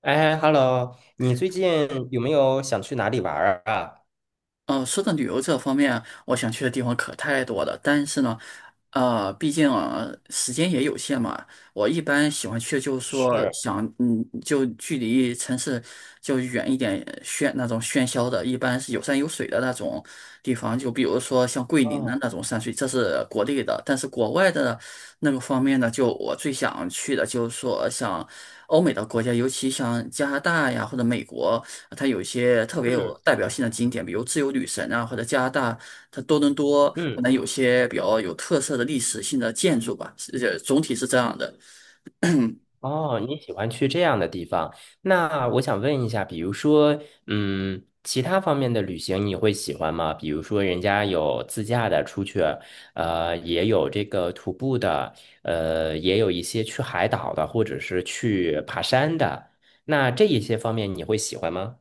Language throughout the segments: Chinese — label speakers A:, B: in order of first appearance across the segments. A: 哎，Hello，你最近有没有想去哪里玩儿啊？
B: 说到旅游这方面，我想去的地方可太多了。但是呢，毕竟啊时间也有限嘛，我一般喜欢去就是说
A: 是。
B: 想，就距离城市就远一点，那种喧嚣的，一般是有山有水的那种地方。就比如说像桂林的
A: 哦。
B: 那种山水，这是国内的。但是国外的那个方面呢，就我最想去的就是说像，欧美的国家，尤其像加拿大呀或者美国，它有一些特别有
A: 嗯
B: 代表性的景点，比如自由女神啊，或者加拿大它多伦多可
A: 嗯。
B: 能有些比较有特色的历史性的建筑吧，总体是这样的。
A: 哦，你喜欢去这样的地方？那我想问一下，比如说，其他方面的旅行你会喜欢吗？比如说，人家有自驾的出去，也有这个徒步的，也有一些去海岛的，或者是去爬山的。那这一些方面你会喜欢吗？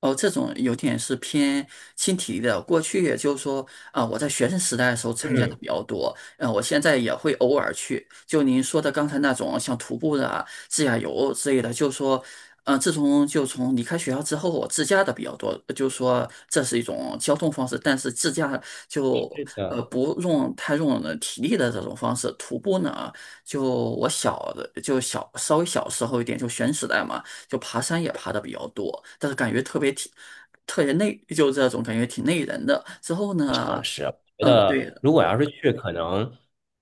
B: 哦，这种有点是偏轻体力的。过去也就是说，我在学生时代的时候参加的
A: 嗯。
B: 比较多，我现在也会偶尔去。就您说的刚才那种像徒步的啊、自驾游之类的，就是说，自从就从离开学校之后，我自驾的比较多，就是说这是一种交通方式，但是自驾就
A: 是的。
B: 不用太用了体力的这种方式。徒步呢，就我小的就小稍微小时候一点，就学生时代嘛。就爬山也爬的比较多，但是感觉特别挺，特别累，就这种感觉挺累人的。之后呢，
A: 觉
B: 嗯，
A: 得
B: 对的，
A: 如果要是去，可能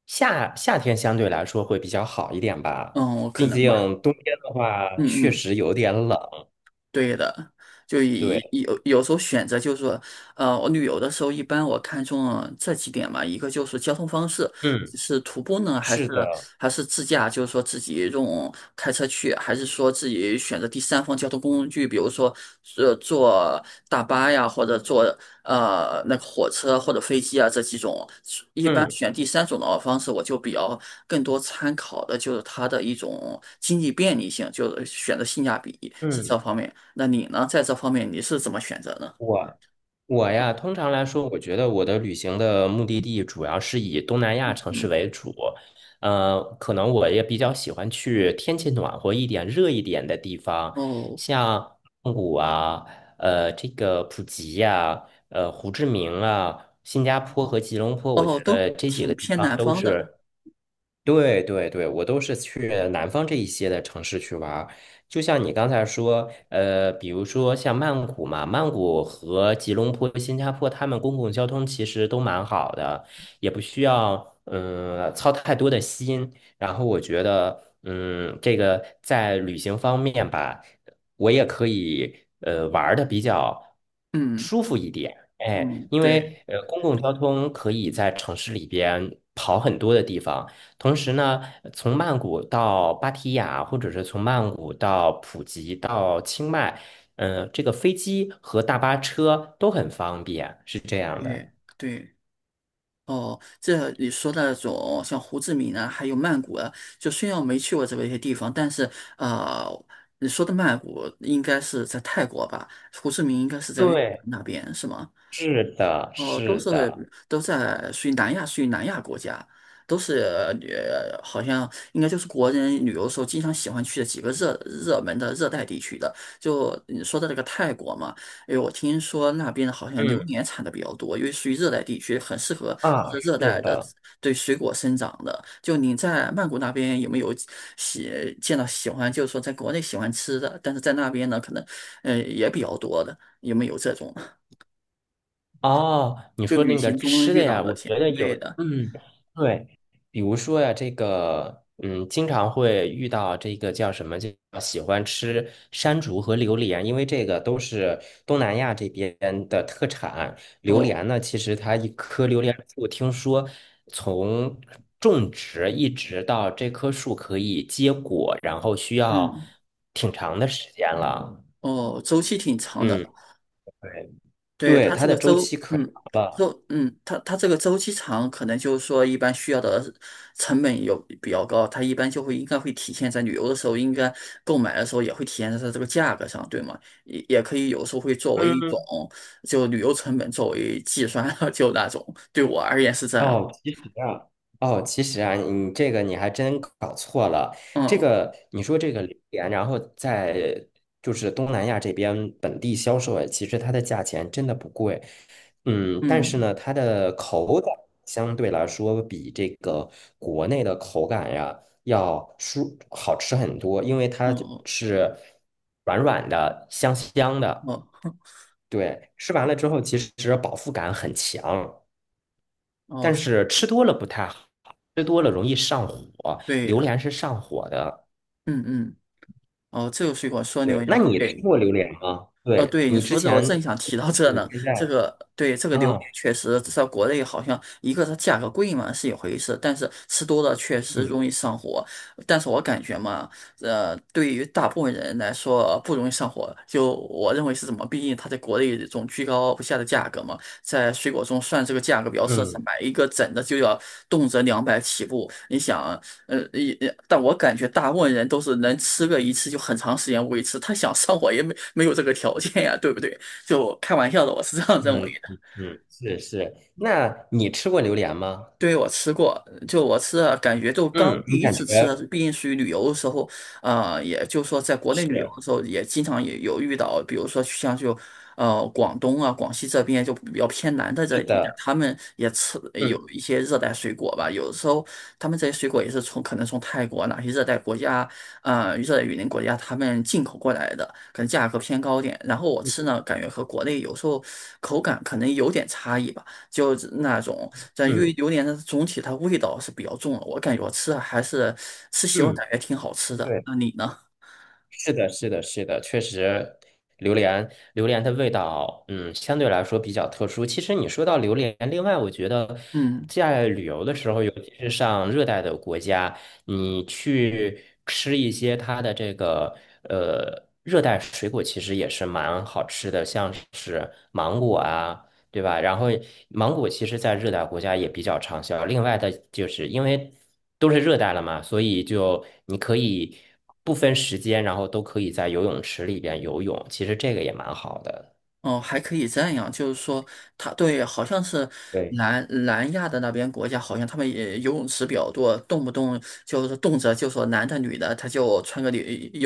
A: 夏天相对来说会比较好一点吧，
B: 嗯，可
A: 毕
B: 能
A: 竟
B: 吧，
A: 冬天的话
B: 嗯
A: 确
B: 嗯。
A: 实有点冷。
B: 对的，就以
A: 对。
B: 有时候选择就是说，我旅游的时候一般我看中了这几点嘛，一个就是交通方式，
A: 嗯。
B: 是徒步呢，还是
A: 是的。
B: 自驾，就是说自己用开车去，还是说自己选择第三方交通工具，比如说坐大巴呀，或者坐那个火车或者飞机啊这几种，一般
A: 嗯
B: 选第三种的方式，我就比较更多参考的就是它的一种经济便利性，就是选择性价比是
A: 嗯。
B: 这方面。那你呢，在这方面你是怎么选择呢？
A: 我我呀，通常来说，我觉得我的旅行的目的地主要是以东南亚城市
B: 嗯，
A: 为主。可能我也比较喜欢去天气暖和一点、热一点的地方，
B: 哦
A: 像曼谷啊，这个普吉呀、胡志明啊，新加坡和
B: 哦
A: 吉隆坡，我
B: 哦，
A: 觉
B: 都
A: 得这几个
B: 挺
A: 地
B: 偏
A: 方
B: 南
A: 都
B: 方的。
A: 是。对对对，我都是去南方这一些的城市去玩儿，就像你刚才说，比如说像曼谷嘛，曼谷和吉隆坡、新加坡，他们公共交通其实都蛮好的，也不需要操太多的心。然后我觉得，这个在旅行方面吧，我也可以玩的比较
B: 嗯
A: 舒服一点。哎，
B: 嗯，
A: 因
B: 对，
A: 为公共交通可以在城市里边跑很多的地方，同时呢，从曼谷到芭提雅，或者是从曼谷到普吉到清迈，这个飞机和大巴车都很方便，是这样
B: 对
A: 的。
B: 对。哦，这你说的那种像胡志明啊，还有曼谷啊，就虽然我没去过这一些地方，但是呃，你说的曼谷应该是在泰国吧？胡志明应该是在越南
A: 对。
B: 那边，是吗？
A: 是的。
B: 哦，
A: 是的。
B: 都在属于南亚，属于南亚国家，都是好像应该就是国人旅游的时候经常喜欢去的几个热门的热带地区的。就你说的那个泰国嘛，因为我听说那边好像榴
A: 嗯
B: 莲产的比较多，因为属于热带地区，很适合
A: 啊。
B: 就是热
A: 是
B: 带的
A: 的。
B: 对水果生长的。就你在曼谷那边有没有见到喜欢，就是说在国内喜欢吃的，但是在那边呢，可能也比较多的，有没有这种？
A: 哦，你
B: 就
A: 说
B: 旅
A: 那
B: 行
A: 个
B: 中
A: 吃的
B: 遇到
A: 呀，
B: 的
A: 我
B: 钱，
A: 觉得有。
B: 对的，
A: 嗯。对，比如说呀，这个，经常会遇到这个叫什么，就喜欢吃山竹和榴莲，因为这个都是东南亚这边的特产。榴
B: 哦，
A: 莲呢，其实它一棵榴莲树，听说从种植一直到这棵树可以结果，然后需要
B: 嗯，
A: 挺长的时间了。
B: 哦，周期挺长的，
A: 嗯。对。
B: 对，
A: 对，
B: 它
A: 它
B: 这
A: 的
B: 个
A: 周
B: 周，
A: 期可长了。
B: 周，它这个周期长，可能就是说一般需要的成本有比较高，它一般就会应该会体现在旅游的时候，应该购买的时候也会体现在它这个价格上，对吗？也可以有时候会作为一
A: 嗯。
B: 种就旅游成本作为计算，就那种，对我而言是这样，
A: 哦，其实啊，哦，其实啊，你这个你还真搞错了。这
B: 嗯
A: 个你说这个榴莲，然后在就是东南亚这边本地销售，哎，其实它的价钱真的不贵。嗯，但是
B: 嗯
A: 呢，它的口感相对来说比这个国内的口感呀要好吃很多，因为
B: 嗯
A: 它就
B: 哦
A: 是软软的、香香的，
B: 哦
A: 对，吃完了之后其实饱腹感很强。
B: 哦，
A: 但
B: 是
A: 是吃多了不太好，吃多了容易上火。
B: 对
A: 榴
B: 的，
A: 莲是上火的，
B: 嗯嗯。哦，这个水果说榴
A: 对。
B: 莲，
A: 那你吃
B: 对，
A: 过榴莲吗？对，
B: 对，你
A: 你之
B: 说这，我
A: 前，
B: 正想提到这
A: 你
B: 呢。
A: 现
B: 这
A: 在
B: 个，对，这个榴
A: 啊。
B: 莲确实在国内好像一个它价格贵嘛是一回事，但是吃多了确实
A: 嗯
B: 容易上火。但是我感觉嘛，对于大部分人来说不容易上火，就我认为是怎么？毕竟它在国内这种居高不下的价格嘛，在水果中算这个价格比较奢侈，
A: 嗯
B: 买一个整的就要动辄200起步。你想。也但我感觉大部分人都是能吃个一次就很长时间维持，他想上火也没有这个条件呀，对不对？就开玩笑的，我是这样认
A: 嗯
B: 为。
A: 嗯嗯。是是。那你吃过榴莲吗？
B: 对，我吃过，就我吃了，感觉就刚
A: 嗯，
B: 第
A: 你
B: 一
A: 感
B: 次吃的，
A: 觉。
B: 毕竟属于旅游的时候，也就是说在国内旅游
A: 是
B: 的时候，也经常也有遇到，比如说像就广东啊、广西这边就比较偏南的
A: 是
B: 这地带，
A: 的。
B: 他们也吃有
A: 嗯
B: 一些热带水果吧，有的时候他们这些水果也是从可能从泰国哪些热带国家，热带雨林国家他们进口过来的，可能价格偏高点，然后我吃
A: 嗯
B: 呢，感觉和国内有时候口感可能有点差异吧。就是那种，但因
A: 嗯
B: 为榴莲的总体它味道是比较重的，我感觉我吃的还是吃习惯，
A: 嗯。
B: 感觉挺好吃的。
A: 对。
B: 那你呢？
A: 是的，是的，是的，确实，榴莲榴莲的味道，相对来说比较特殊。其实你说到榴莲，另外我觉得
B: 嗯。
A: 在旅游的时候，尤其是上热带的国家，你去吃一些它的这个热带水果，其实也是蛮好吃的，像是芒果啊。对吧？然后芒果其实在热带国家也比较畅销。另外的就是因为都是热带了嘛，所以就你可以不分时间，然后都可以在游泳池里边游泳。其实这个也蛮好的。
B: 哦，还可以这样，就是说，他对，好像是
A: 对。
B: 南亚的那边国家，好像他们也游泳池比较多，动不动就是动辄就说男的女的，他就穿个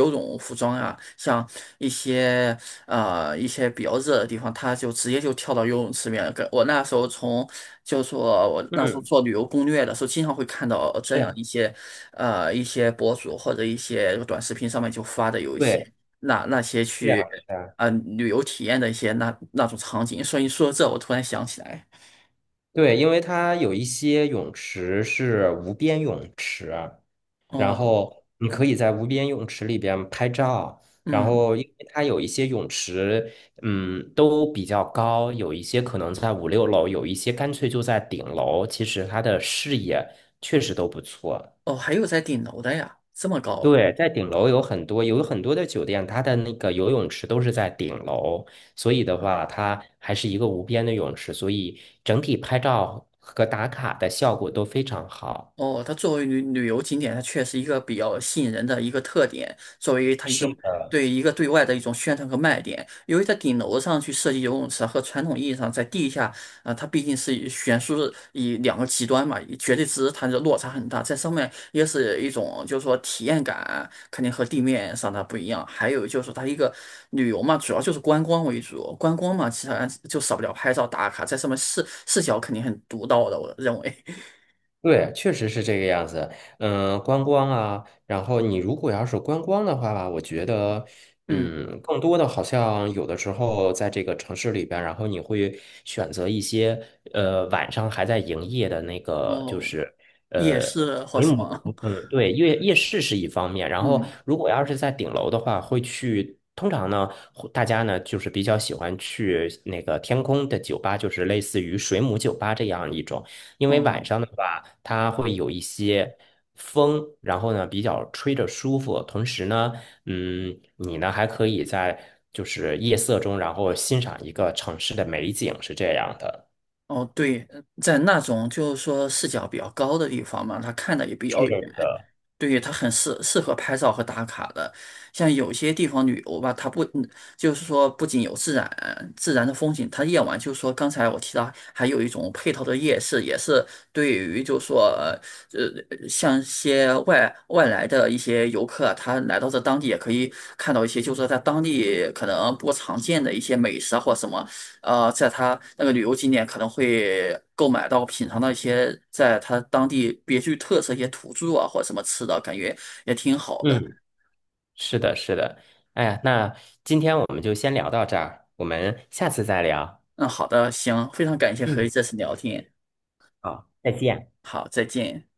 B: 游泳服装啊，像一些一些比较热的地方，他就直接就跳到游泳池里面。跟我那时候从，就是说我那时候
A: 嗯。
B: 做旅游攻略的时候，经常会看到这
A: 是
B: 样
A: 啊。
B: 一些博主或者一些短视频上面就发的有一些
A: 对。
B: 那些
A: 是啊。
B: 去。
A: 是啊。
B: 旅游体验的一些那种场景，所以说这我突然想起来，
A: 对，因为它有一些泳池是无边泳池。然
B: 哦，
A: 后你可以在无边泳池里边拍照。然
B: 嗯，
A: 后，因为它有一些泳池，都比较高，有一些可能在五六楼，有一些干脆就在顶楼。其实它的视野确实都不错。
B: 哦，还有在顶楼的呀，这么高，
A: 对，在顶楼有很多，有很多的酒店，它的那个游泳池都是在顶楼，所以的话，它还是一个无边的泳池，所以整体拍照和打卡的效果都非常好。
B: 哦，它作为旅游景点，它确实一个比较吸引人的一个特点，作为它一个
A: 是。
B: 对一个对外的一种宣传和卖点。由于在顶楼上去设计游泳池，和传统意义上在地下，它毕竟是以悬殊的以2个极端嘛，以绝对值它的落差很大。在上面也是一种就是说体验感，肯定和地面上的不一样。还有就是它一个旅游嘛，主要就是观光为主，观光嘛，其实就少不了拍照打卡，在上面视角肯定很独到的，我认为，
A: 对，确实是这个样子。观光啊，然后你如果要是观光的话吧，我觉得，
B: 嗯。
A: 更多的好像有的时候在这个城市里边，然后你会选择一些晚上还在营业的那个，就
B: 哦，
A: 是
B: 也
A: 呃
B: 是或
A: 没
B: 什么，
A: 有。嗯。对。夜市是一方面。然后
B: 嗯，
A: 如果要是在顶楼的话，会去。通常呢，会大家呢就是比较喜欢去那个天空的酒吧，就是类似于水母酒吧这样一种。因为晚
B: 哦，
A: 上的话，它会有一些风，然后呢比较吹着舒服，同时呢，你呢还可以在就是夜色中，然后欣赏一个城市的美景，是这样的。
B: 哦，对，在那种就是说视角比较高的地方嘛，他看的也比较远，对，它很适合拍照和打卡的。像有些地方旅游吧，它不嗯就是说不仅有自然的风景，它夜晚就是说刚才我提到还有一种配套的夜市，也是对于就是说像一些外来的一些游客啊他来到这当地也可以看到一些就是说在当地可能不常见的一些美食啊或什么。在他那个旅游景点可能会购买到品尝到一些在他当地别具特色一些土著啊或者什么吃的，感觉也挺好的。
A: 嗯。是的。是的。哎呀，那今天我们就先聊到这儿，我们下次再聊。
B: 嗯，好的，行，非常感谢和你
A: 嗯，
B: 这次聊天，
A: 好，再见。
B: 好，再见。